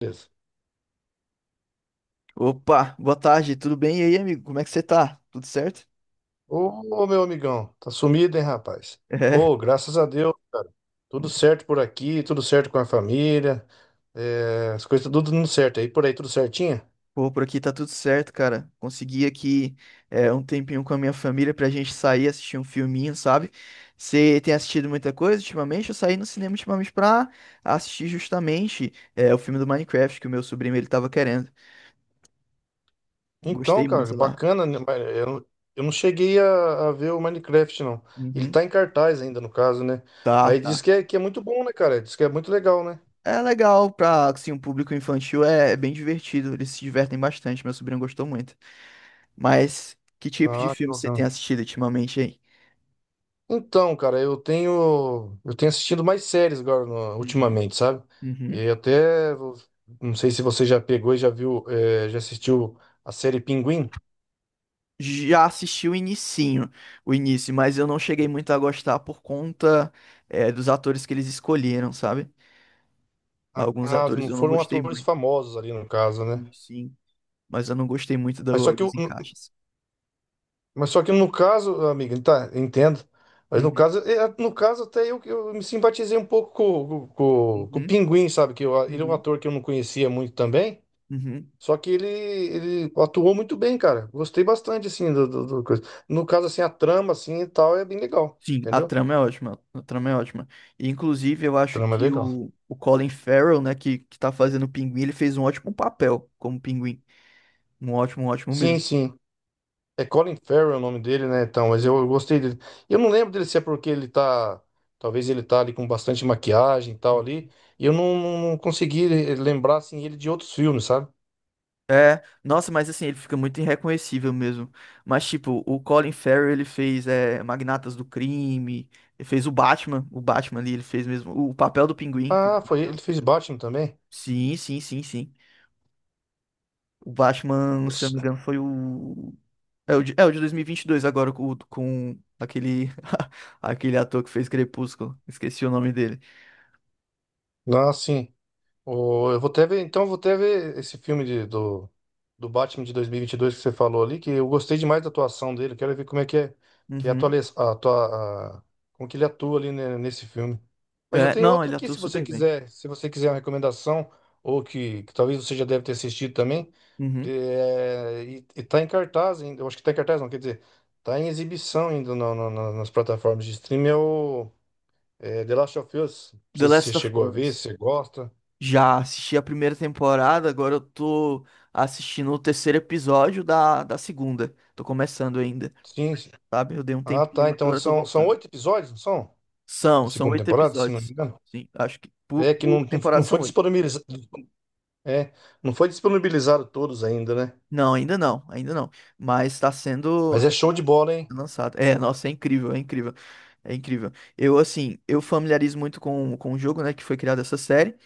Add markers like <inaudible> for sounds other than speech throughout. Beleza. Opa, boa tarde, tudo bem? E aí, amigo, como é que você tá? Tudo certo? Ô, meu amigão, tá sumido, hein, rapaz? É, Ô, graças a Deus, cara. Tudo certo por aqui, tudo certo com a família. É, as coisas tá tudo dando certo aí. Por aí, tudo certinho? Pô, por aqui tá tudo certo, cara. Consegui aqui um tempinho com a minha família pra gente sair, assistir um filminho, sabe? Você tem assistido muita coisa ultimamente? Eu saí no cinema ultimamente pra assistir justamente o filme do Minecraft que o meu sobrinho ele tava querendo. Então, Gostei cara, muito lá. bacana, né? Mas eu, eu não cheguei a ver o Minecraft, não. Ele Uhum. tá em cartaz ainda, no caso, né? Tá, Mas tá. diz que é muito bom, né, cara? Diz que é muito legal, né? É legal pra, assim, um público infantil, é, é bem divertido, eles se divertem bastante, meu sobrinho gostou muito. Mas que tipo de Ah, que filme você tem bacana. assistido ultimamente aí? Então, cara, eu tenho assistido mais séries agora Uhum, ultimamente, sabe? uhum. E não sei se você já pegou e já viu, já assistiu a série Pinguim. Já assisti o inicinho, o início, mas eu não cheguei muito a gostar por conta, é, dos atores que eles escolheram, sabe? Alguns Ah, atores não eu não foram gostei atores muito, famosos ali no caso, né? sim, sim, mas eu não gostei muito Mas só que dos o- encaixes. Mas só que no caso, amiga, tá, entendo. Mas no Uhum, caso, no caso até eu me simpatizei um pouco com o uhum, Pinguim, sabe? Ele é um uhum, ator que eu não conhecia muito também. uhum. Só que ele atuou muito bem, cara. Gostei bastante, assim, do coisa. No caso, assim, a trama, assim, e tal, é bem legal. Sim, a Entendeu? trama é ótima, a trama é ótima. E, inclusive, eu acho Trama é que legal. O Colin Farrell, né, que tá fazendo o Pinguim, ele fez um ótimo papel como Pinguim. Um ótimo Sim, mesmo. sim. É, Colin Farrell é o nome dele, né? Então, mas eu gostei dele. Eu não lembro dele se é porque ele tá. Talvez ele tá ali com bastante maquiagem e tal ali. E eu não consegui lembrar assim ele de outros filmes, sabe? É, nossa, mas assim, ele fica muito irreconhecível mesmo. Mas, tipo, o Colin Farrell, ele fez Magnatas do Crime, ele fez o Batman ali, ele fez mesmo o papel do Pinguim. Ah, foi ele, ele fez Batman também. Sim, sim, sim, sim. O Batman, se eu não me engano, foi o... é o de 2022 agora, com, com aquele, <laughs> aquele ator que fez Crepúsculo. Esqueci o nome dele. Ah, sim. Eu vou até ver, então eu vou até ver esse do, do Batman de 2022 que você falou ali, que eu gostei demais da atuação dele. Quero ver como é que é, que é a Uhum. atuali- a atua- a- como que ele atua ali, né, nesse filme. Mas eu É, tenho não, outro ele aqui, atua se você super bem. quiser, se você quiser uma recomendação, ou que talvez você já deve ter assistido também, Uhum. E tá em cartaz ainda, eu acho que tá em cartaz não, quer dizer, tá em exibição ainda nas plataformas de streaming, é o The Last of Us. Não The sei se você Last of chegou a ver, se Us. você gosta. Já assisti a primeira temporada, agora eu tô assistindo o terceiro episódio da segunda. Tô começando ainda, Sim. sabe? Eu dei um Ah, tempinho, tá. mas Então agora eu tô são, são voltando. oito episódios, não são? Da São, são segunda oito temporada, se não me episódios. engano. Sim, acho que É que por não temporada foi são oito. disponibilizado. É, não foi disponibilizado todos ainda, né? Não, ainda não, ainda não. Mas Mas é tá show sendo de bola, hein? lançado. É, nossa, é incrível, é incrível. É incrível. Eu, assim, eu familiarizo muito com o jogo, né, que foi criada essa série.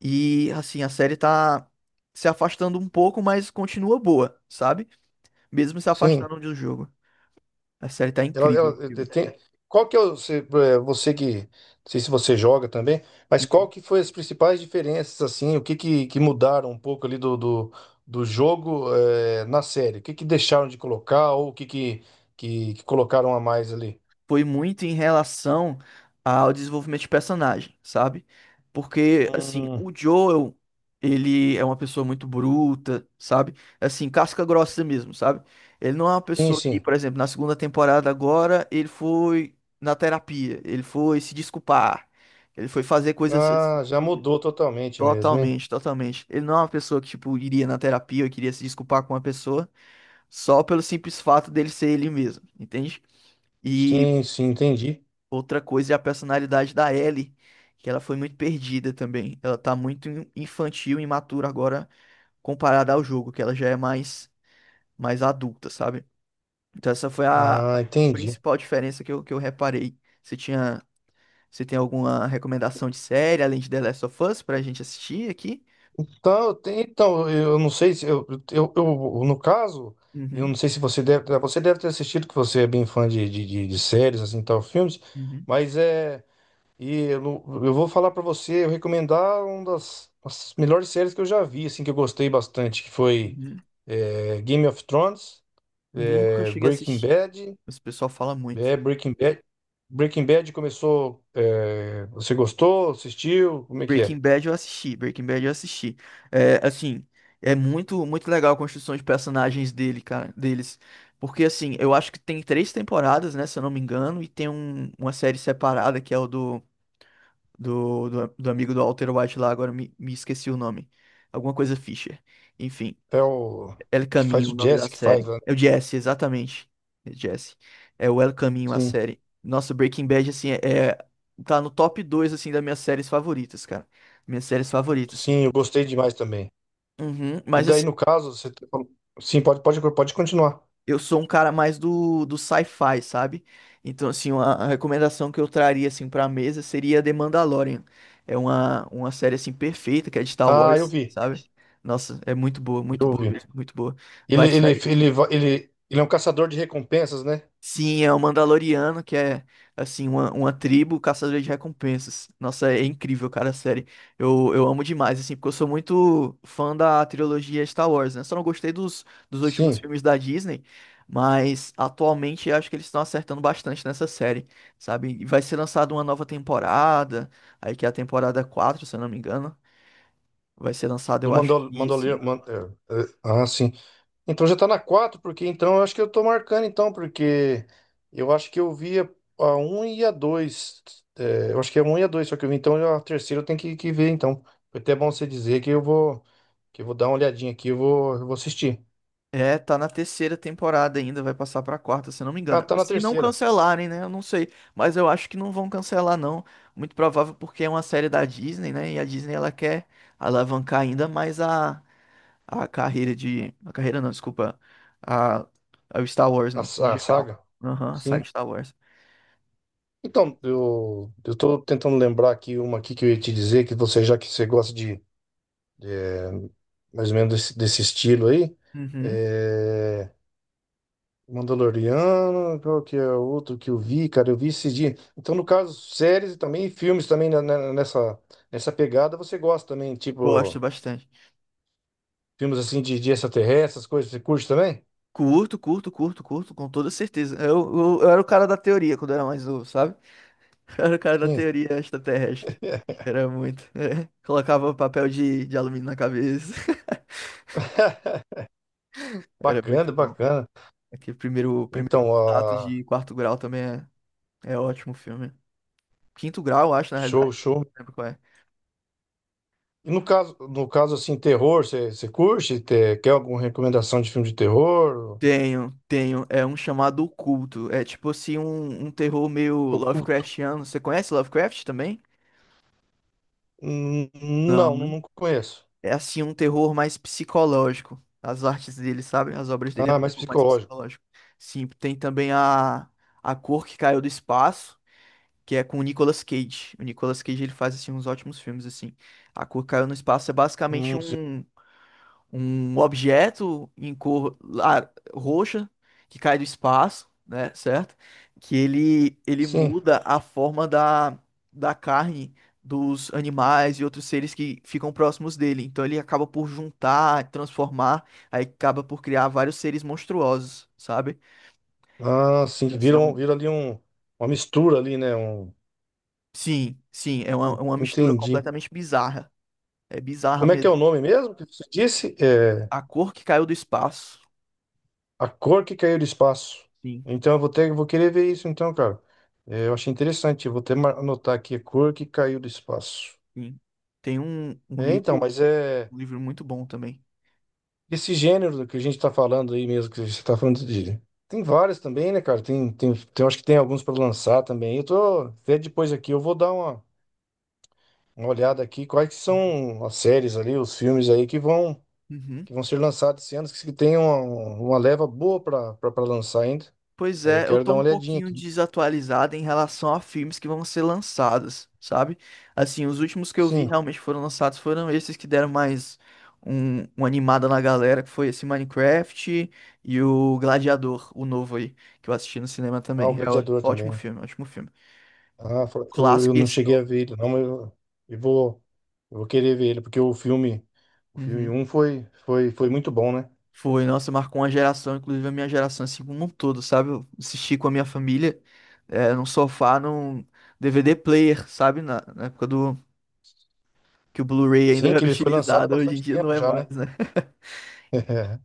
E, assim, a série tá se afastando um pouco, mas continua boa, sabe? Mesmo se Sim. afastando do jogo. A série tá Ela, incrível, ela- eh, eh, incrível. tem... Qual que é o, você, eh, você que. Não sei se você joga também, mas qual Uhum. que foi as principais diferenças, assim? Que mudaram um pouco ali do jogo, na série? O que deixaram de colocar ou o que que colocaram a mais ali? Foi muito em relação ao desenvolvimento de personagem, sabe? Porque, assim, Hum, o Joel, ele é uma pessoa muito bruta, sabe? Assim, casca grossa mesmo, sabe? Ele não é uma sim, pessoa que, sim. por exemplo, na segunda temporada agora, ele foi na terapia, ele foi se desculpar, ele foi fazer coisas assim Ah, já que... mudou totalmente mesmo, hein? Totalmente, totalmente. Ele não é uma pessoa que, tipo, iria na terapia ou queria se desculpar com uma pessoa. Só pelo simples fato dele ser ele mesmo, entende? E Sim, sim, entendi. outra coisa é a personalidade da Ellie, que ela foi muito perdida também. Ela tá muito infantil e imatura agora comparada ao jogo, que ela já é mais mais adulta, sabe? Então essa foi a Ah, entendi. principal diferença que eu reparei. Você tinha Você tem alguma recomendação de série além de The Last of Us pra gente assistir aqui? Então, então eu não sei se eu, eu- no caso, eu Uhum, não sei se você deve, você deve ter assistido, que você é bem fã de séries, assim, tal, filmes, uhum, mas e eu, não- eu vou falar pra você, eu recomendar uma das melhores séries que eu já vi, assim, que eu gostei bastante, que foi uhum. Game of Thrones, Nunca cheguei a Breaking assistir, Bad. mas o pessoal fala muito. É, Breaking Bad. Breaking Bad começou. É, você gostou? Assistiu? Como é que é? Breaking Bad eu assisti, Breaking Bad eu assisti. É, assim, é muito muito legal a construção de personagens dele, cara, deles. Porque assim, eu acho que tem três temporadas, né, se eu não me engano, e tem uma série separada que é o do, do amigo do Walter White lá, agora eu me, me esqueci o nome. Alguma coisa Fisher. Enfim. É o El que faz Caminho, o o nome da Jesse que faz, série. né? É o Jesse, exatamente. É Jesse. É o El Caminho, a Sim, série. Nossa, Breaking Bad, assim, é- tá no top 2 assim, das minhas séries favoritas, cara. Minhas séries favoritas. sim, eu gostei demais também. Uhum, E mas, daí, assim, no caso, você. Tá falando- Sim, pode, pode continuar. eu sou um cara mais do sci-fi, sabe? Então, assim, a recomendação que eu traria, assim, pra mesa seria The Mandalorian. É uma série, assim, perfeita, que é de Star Ah, eu Wars, vi. sabe? Nossa, é muito Eu boa vi. mesmo, muito boa. Vai sair. Ele é um caçador de recompensas, né? Sim, é o Mandaloriano, que é, assim, uma tribo caçadora de recompensas. Nossa, é incrível, cara, a série. Eu amo demais, assim, porque eu sou muito fã da trilogia Star Wars, né? Só não gostei dos últimos Sim. filmes da Disney, mas atualmente eu acho que eles estão acertando bastante nessa série, sabe? E vai ser lançada uma nova temporada, aí que é a temporada 4 se eu não me engano. Vai ser lançada, Do eu acho que esse Mandalorian. Man, é, é, ah, sim. Então já tá na 4 porque então eu acho que eu tô marcando então, porque eu acho que eu vi a 1 e a dois. É, eu acho que é um e a dois, só que eu vi, então a terceira eu tenho que ver então. Foi até bom você dizer que eu vou dar uma olhadinha aqui, eu vou assistir. é, tá na terceira temporada ainda, vai passar pra quarta, se não me Ah, engano. tá na Se não terceira, cancelarem, né? Eu não sei, mas eu acho que não vão cancelar não. Muito provável porque é uma série da Disney, né? E a Disney ela quer alavancar ainda mais a carreira de, a carreira não, desculpa, a o Star Wars a, no em a geral. saga. Aham, a Sim. saga Star Wars. Então, eu tô tentando lembrar aqui uma aqui que eu ia te dizer, que você, já que você gosta de, é, mais ou menos desse, desse estilo aí. Uhum, É, Mandaloriano, qual que é o outro que eu vi, cara? Eu vi esses dias. Então, no caso, séries e também filmes também nessa, nessa pegada, você gosta também, gosto tipo, bastante. filmes assim de extraterrestres, essas coisas, você curte também? Curto, curto, curto, curto, com toda certeza. Eu era o cara da teoria quando eu era mais novo, sabe? Era o cara da Sim. teoria extraterrestre. Era muito. É. Colocava papel de alumínio na cabeça. <laughs> <laughs> Era muito Bacana, bom. bacana. Aqui primeiro, o primeiro Então, contato ah, de quarto grau também é, é ótimo filme. Quinto grau, eu acho, na realidade. show, show. Não lembro qual é. E no caso, no caso assim, terror, você curte? Quer alguma recomendação de filme de terror? Tenho, tenho. É um chamado Oculto. É tipo assim, um terror meio Oculto? Lovecraftiano. Você conhece Lovecraft também? Não, Não. não conheço. É assim um terror mais psicológico. As artes dele, sabe? As obras dele é um Ah, mais terror mais psicológico. psicológico. Sim, tem também A Cor que Caiu do Espaço, que é com o Nicolas Cage. O Nicolas Cage ele faz assim uns ótimos filmes assim. A Cor que Caiu no Espaço é basicamente Sim. Um objeto em cor roxa que cai do espaço, né, certo? Que ele ele Sim. muda a forma da, da carne dos animais e outros seres que ficam próximos dele. Então ele acaba por juntar, transformar, aí acaba por criar vários seres monstruosos, sabe? Ah, sim, Então, que assim, é viram, um... viram ali um, uma mistura ali, né? Um, Sim, sim, é uma mistura entendi. completamente bizarra. É bizarra Como é que é mesmo. o nome mesmo que você disse? É A cor que caiu do espaço. A Cor que Caiu do Espaço. Sim, Então eu vou ter, vou querer ver isso então, cara. É, eu achei interessante, eu vou até anotar aqui, A Cor que Caiu do Espaço. sim. Tem um, É, então, mas é um livro muito bom também. esse gênero que a gente tá falando aí mesmo, que você tá falando de... Tem várias também, né, cara? Tem, acho que tem alguns para lançar também. Eu tô, até depois aqui eu vou dar uma olhada aqui, quais que são as séries ali, os filmes aí Uhum. que vão ser lançados esse ano, que tem uma leva boa para lançar ainda. Pois Aí eu é, eu quero tô dar um uma olhadinha pouquinho aqui. desatualizado em relação a filmes que vão ser lançados, sabe? Assim, os últimos que eu vi Sim, realmente foram lançados foram esses que deram mais um, uma animada na galera, que foi esse Minecraft e o Gladiador, o novo aí, que eu assisti no cinema ah, o também. É Gladiador também, ótimo né? filme, ótimo filme. Ah, eu Clássico e não esse cheguei novo. a ver ele, não, eu vou, eu vou querer ver ele, porque o filme Uhum. um foi, foi muito bom, né? Foi, nossa, marcou uma geração, inclusive a minha geração, assim como um todo, sabe? Eu assisti com a minha família, é, num sofá, num DVD player, sabe? Na época do que o Blu-ray ainda Sim, que era ele foi lançado há utilizado, hoje em bastante dia não tempo é já, né? mais, né? <laughs>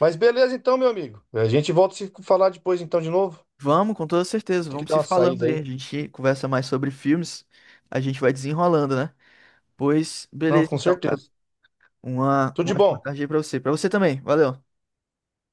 Mas beleza então, meu amigo. A gente volta a se falar depois então de novo. Vamos, com toda certeza, Tem que vamos dar se uma falando saída aí. A aí. gente conversa mais sobre filmes, a gente vai desenrolando, né? Pois, Não, beleza com então, cara. certeza. Tudo de Uma ótima bom. tarde aí pra você. Pra você também, valeu.